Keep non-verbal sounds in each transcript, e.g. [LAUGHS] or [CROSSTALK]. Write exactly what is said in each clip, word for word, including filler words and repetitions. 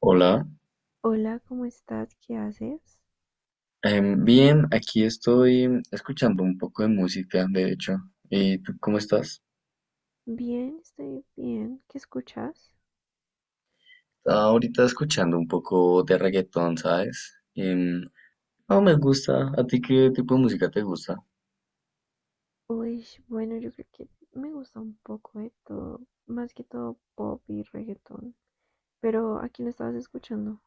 Hola. Hola, ¿cómo estás? ¿Qué haces? Em, bien, aquí estoy escuchando un poco de música, de hecho. ¿Y tú cómo estás? Bien, estoy bien. ¿Qué escuchas? Estaba ahorita escuchando un poco de reggaetón, ¿sabes? Em, no me gusta. ¿A ti qué tipo de música te gusta? Uy, bueno, yo creo que me gusta un poco de todo, más que todo pop y reggaetón. Pero ¿a quién estabas escuchando?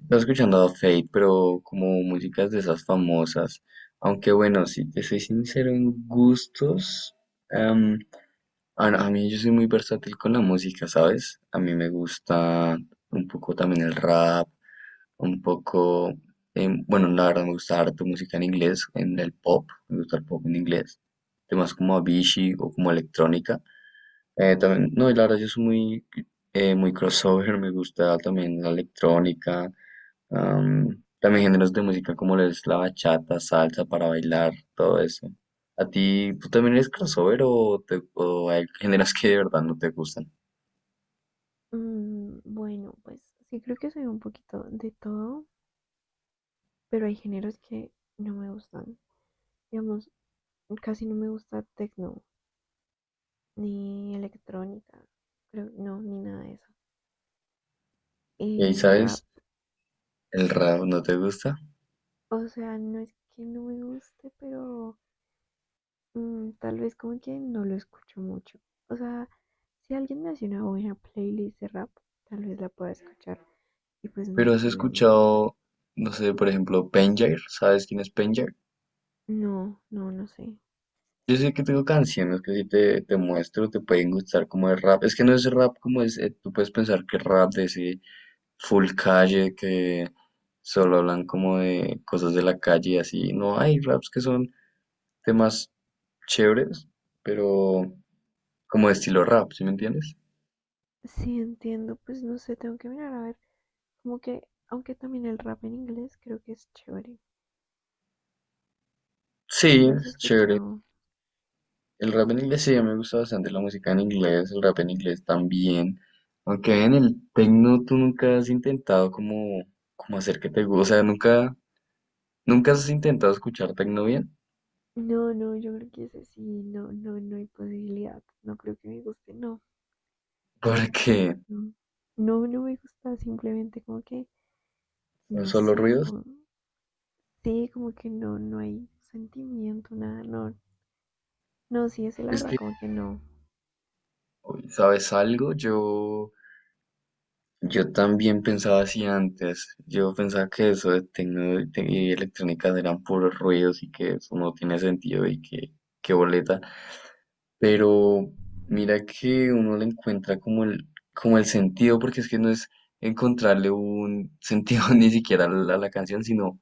Estaba escuchando a Fate, pero como músicas de esas famosas. Aunque bueno, si te soy sincero en gustos, em, a, a mí yo soy muy versátil con la música, ¿sabes? A mí me gusta un poco también el rap. Un poco, em, bueno, la verdad me gusta harto música en inglés, en el pop, me gusta el pop en inglés, temas como Avicii o como electrónica. Eh, también, no, y la verdad yo soy muy, eh, muy crossover, me gusta también la electrónica, am, también géneros de música como lo es la bachata, salsa para bailar, todo eso. ¿A ti, tú también eres crossover o, te, o hay géneros que de verdad no te gustan? Mm, bueno, pues sí creo que soy un poquito de todo, pero hay géneros que no me gustan. Digamos, casi no me gusta techno, ni electrónica, creo, no, ni nada de eso. ¿Y El rap, sabes? ¿El rap no te gusta? o sea, no es que no me guste, pero mm, tal vez como que no lo escucho mucho. O sea, si alguien me hace una buena playlist de rap, tal vez la pueda escuchar y pues no hay Pero has problema. escuchado, no sé, por ejemplo, Penjair, ¿sabes quién es Penjair? No, no, no sé. Yo sé que tengo canciones que si te, te muestro te pueden gustar como de rap. Es que no es rap como es, eh, tú puedes pensar que es rap de ese full calle que solo hablan como de cosas de la calle y así. No, hay raps que son temas chéveres, pero como de estilo rap, ¿sí me entiendes? Sí entiendo, pues no sé, tengo que mirar a ver. Como que, aunque también el rap en inglés creo que es chévere. ¿Lo Sí, has es chévere. escuchado? El rap en inglés sí, a mí me gusta bastante la música en inglés, el rap en inglés también. Aunque en el tecno tú nunca has intentado como, como hacer que te guste, o sea, nunca, nunca has intentado escuchar tecno bien, No, no, yo creo que ese sí, no, no, no hay posibilidad. No creo que me guste, no. [LAUGHS] No, la verdad porque que no. No, no me gusta, simplemente como que, son no solo sé, ruidos. como. Sí, como que no, no hay sentimiento, nada, no. No, sí, es la Es verdad, que, como que no. uy, ¿sabes algo? Yo, yo también pensaba así antes. Yo pensaba que eso de tecno y te- y electrónica eran puros ruidos y que eso no tiene sentido y que, qué boleta. Pero mira que uno le encuentra como el, como el sentido, porque es que no es encontrarle un sentido [LAUGHS] ni siquiera a la, a la canción, sino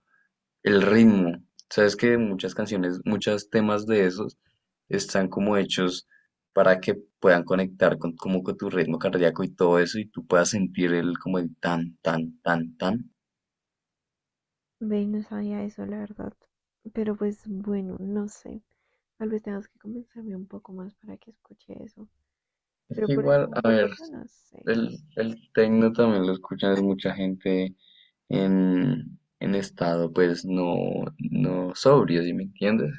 el ritmo. Sabes que muchas canciones, muchos temas de esos están como hechos para que puedan conectar con, como con tu ritmo cardíaco y todo eso, y tú puedas sentir el como el tan, tan, tan, tan. Ve, no sabía eso, la verdad. Pero pues bueno, no sé. Tal vez tengas que convencerme un poco más para que escuche eso. Es Pero que por el igual, a ver, momento, no sé. el, el tecno también lo escuchan es mucha gente en, en estado, pues no, no sobrio, ¿sí me entiendes?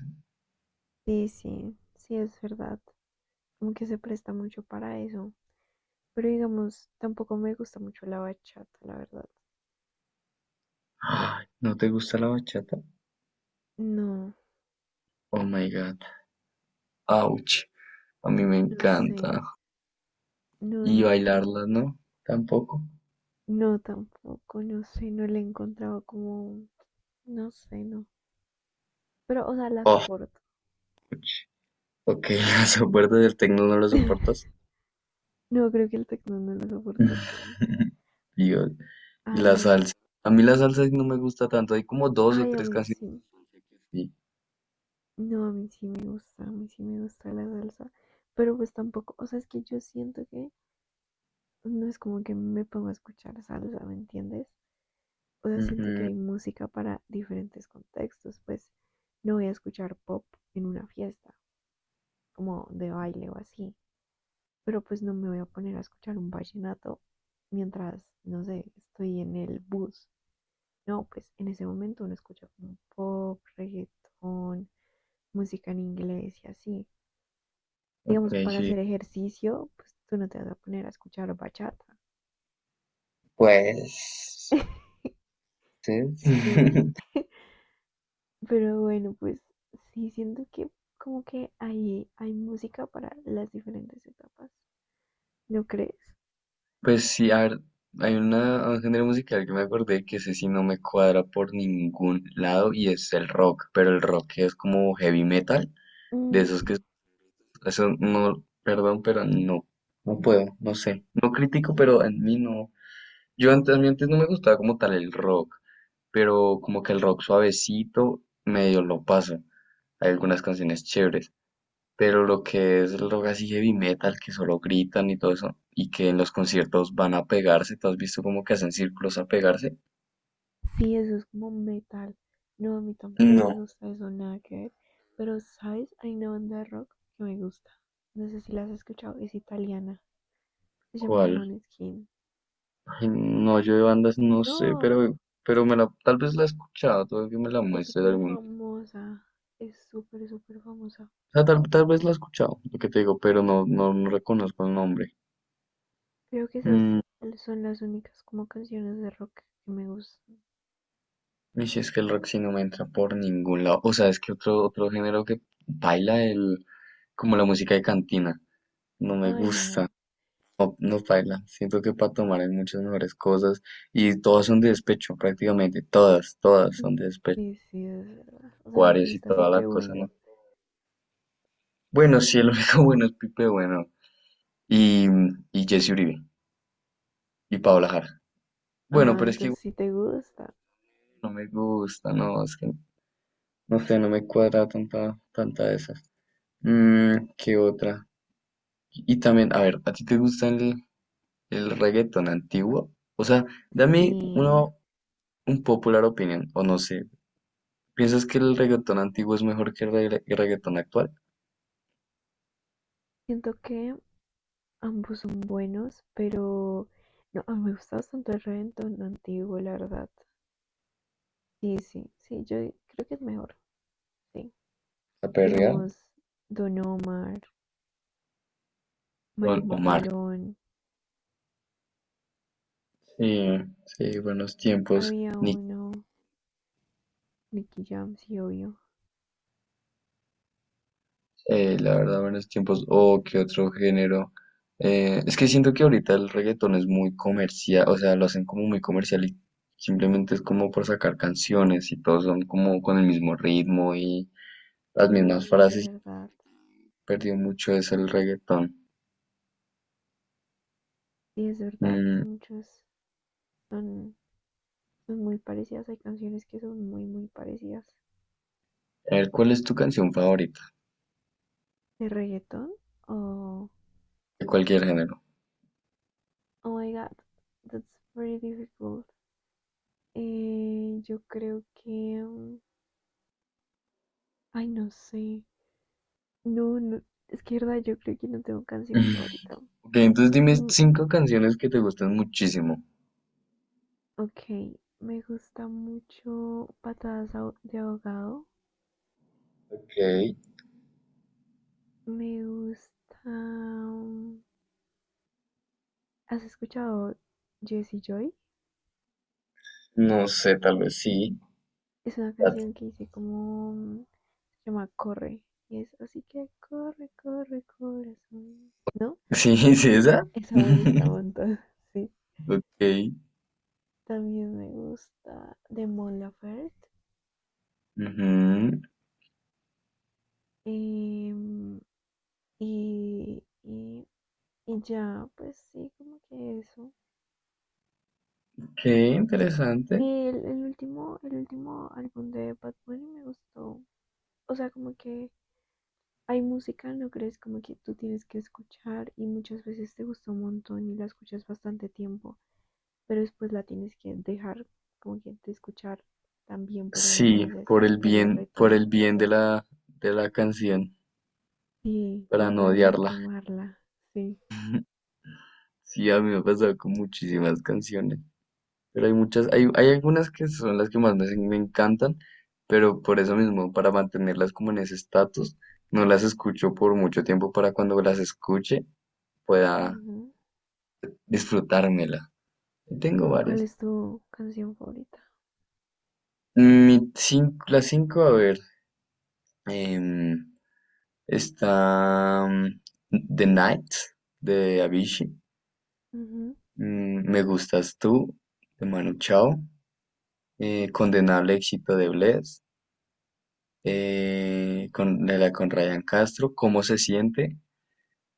Sí, sí, sí, es verdad. Como que se presta mucho para eso. Pero digamos, tampoco me gusta mucho la bachata, la verdad. Ay, ¿no te gusta la bachata? No, Oh my God, ouch, a mí me no encanta. sé. No, Y no sé. bailarla, ¿no? Tampoco. No, tampoco, no sé. No le he encontrado como, no sé, no. Pero, o sea, la Oh, soporto. ouch. Ok, [LAUGHS] la soportas, del tecno no lo soportas. [LAUGHS] No, creo que el tecno no lo soporto tanto. [LAUGHS] Dios, A y la ver, salsa. A mí la salsa no me gusta tanto, hay como dos o ay, a tres mí canciones sí. de salsa que sí. No, a mí sí me gusta, a mí sí me gusta la salsa. Pero pues tampoco, o sea, es que yo siento que no es como que me pongo a escuchar salsa, ¿me entiendes? O sea, siento que Ujú. hay música para diferentes contextos. Pues no voy a escuchar pop en una fiesta, como de baile o así. Pero pues no me voy a poner a escuchar un vallenato mientras, no sé, estoy en el bus. No, pues en ese momento uno escucha como pop, reggaetón, música en inglés y así. Ok, Digamos, para sí. hacer ejercicio, pues tú no te vas a poner a escuchar bachata. Pues, sí. No. [LAUGHS] [LAUGHS] Pero bueno, pues sí, siento que como que ahí hay música para las diferentes etapas. ¿No crees? Pues sí, a ver, hay una, un género musical que me acordé que ese sí no me cuadra por ningún lado y es el rock, pero el rock es como heavy metal, de Mm, esos que sí. eso no, perdón, pero no, no puedo, no Mm, sé, no critico, mm. pero en mí no. Yo antes, a mí antes no me gustaba como tal el rock, pero como que el rock suavecito medio lo paso. Hay algunas canciones chéveres, pero lo que es el rock así heavy metal, que solo gritan y todo eso, y que en los conciertos van a pegarse, ¿tú has visto como que hacen círculos a pegarse? Sí, eso es como metal. No, a mí tampoco me No. gusta eso, nada que ver. Pero, ¿sabes? Hay una banda de rock que me gusta. No sé si la has escuchado, es italiana. Se llama ¿Cuál? Maneskin. Ay, no, yo de bandas no sé, No, pero, pero me la, tal vez la he escuchado, tal vez que me la es muestres súper algún día. famosa. Es súper, súper famosa. O sea, tal, tal vez la he escuchado, lo que te digo, pero no, no, no reconozco el nombre. Creo que esas Mm, son las únicas como canciones de rock que me gustan. y si es que el rock sí no me entra por ningún lado. O sea, es que otro, otro género que baila el, como la música de cantina. No me Ay, gusta. no. No, no baila. Siento que para tomar hay muchas mejores cosas y todas son de despecho, prácticamente todas, todas son de despecho. Sí, sí, es verdad. O sea, no te Acuarios y gusta toda la Pipe cosa, Bueno. ¿no? Bueno, sí, el único [LAUGHS] bueno es Pipe Bueno y, y Jesse Uribe y Paola Jara. Bueno, Ah, pero es que entonces sí te gusta. no me gusta, no, es que no sé, no me cuadra tanta, tanta de esas. Mm, ¿qué otra? Y también, a ver, ¿a ti te gusta el, el reggaetón antiguo? O sea, dame una, Sí. un popular opinión, o no sé, ¿piensas que el reggaetón antiguo es mejor que el regga- el reggaetón actual? Siento que ambos son buenos, pero no, a mí me gusta bastante el reggaetón antiguo, la verdad. Sí, sí, sí, yo creo que es mejor, sí. Aperreado. Digamos, Don Omar, Don Maluma Omar. pelón, Sí, sí, buenos tiempos. había Ni, uno, Nicky Jam, sí, obvio. eh, la verdad, buenos tiempos. O qué otro género. Eh, es que siento que ahorita el reggaetón es muy comercial, o sea, lo hacen como muy comercial y simplemente es como por sacar canciones y todos son como con el mismo ritmo y las Y mismas es frases. verdad, Perdió mucho eso el reggaetón. sí, es verdad, Mm, muchas son, son muy parecidas, hay canciones que son muy, muy parecidas. a ver, ¿cuál es tu canción favorita? ¿De reggaetón? Oh, De cualquier género. oh my god, that's very difficult. Eh, yo creo que... mm, Ay, no sé. No, no, es que verdad, yo creo que no tengo canción favorita. [LAUGHS] Ok, entonces dime Mm, cinco canciones que te gustan muchísimo. ok, me gusta mucho Patadas de Ahogado. Ok, Me gusta. mm, ¿Has escuchado Jessie Joy? no sé, tal vez sí. Es una Bad. canción que hice como. mm, Se llama Corre. Y es así que corre, corre, corazón. ¿No? [LAUGHS] Sí, ¿es esa? Esa me [LAUGHS] gusta un montón. [LAUGHS] Sí. Ok. También me gusta de Mon Laferte. Ujú. em, y, y, y ya, pues sí, como que eso. Qué interesante. Y El, el último, el último álbum de Bad Bunny me gustó. O sea, como que hay música, no crees como que tú tienes que escuchar y muchas veces te gusta un montón y la escuchas bastante tiempo, pero después la tienes que dejar como que de escuchar también por unos Sí, meses y por el después la bien, por el retomas bien de la, de la canción, sí, para como no para no odiarla. quemarla, sí. Sí, a mí me ha pasado con muchísimas canciones, pero hay muchas, hay, hay algunas que son las que más me, me encantan, pero por eso mismo, para mantenerlas como en ese estatus, no las escucho por mucho tiempo para cuando las escuche, pueda Ujú. disfrutármela. Tengo ¿Y cuál varias. es tu canción favorita? Mi cin- la cinco a ver, em, está mm, The Night de Avicii. Ujú. Mm, Me gustas tú de Manu Chao. eh, Condenable éxito de Bless. eh, con, de la con Ryan Castro. ¿Cómo se siente?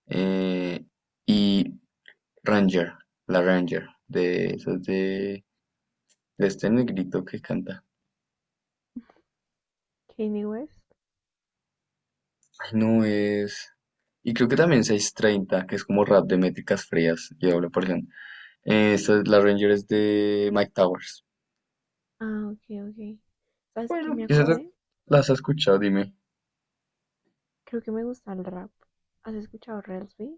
eh, y Ranger, la Ranger, de, esas de, de este negrito que canta. Kanye West. Ay, no es. Y creo que también seis treinta que es como rap de métricas frías y doble porción. Eh, esta es la Ranger es de Mike Towers. Ah, ok, ok. ¿Sabes qué Bueno, me quizás la- acordé? las has escuchado, dime. Creo que me gusta el rap. ¿Has escuchado Relsby?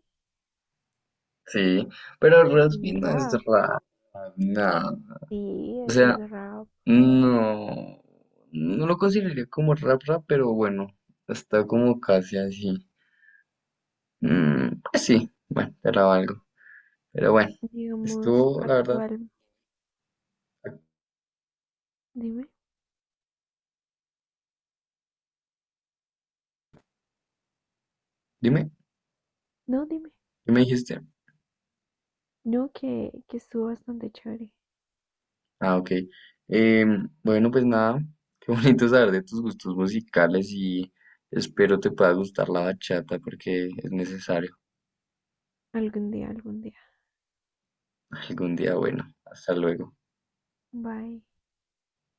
Sí, pero Él tiene Raspi no es rap. rap, nada. Sí, O eso sea, es rap. no, no lo consideraría como rap rap, pero bueno, está como casi así. Mm, pues sí, bueno, era algo. Pero bueno, Digamos, estuvo, la verdad, actual. Dime, dime, no, dime, ¿qué me dijiste? no, que, que estuvo bastante chévere. Ah, ok. Em, bueno, pues nada, [LAUGHS] qué bonito saber de tus gustos musicales y espero te pueda gustar la bachata porque es necesario Algún día, algún día. [LAUGHS] algún día. Bueno, hasta luego. Bye.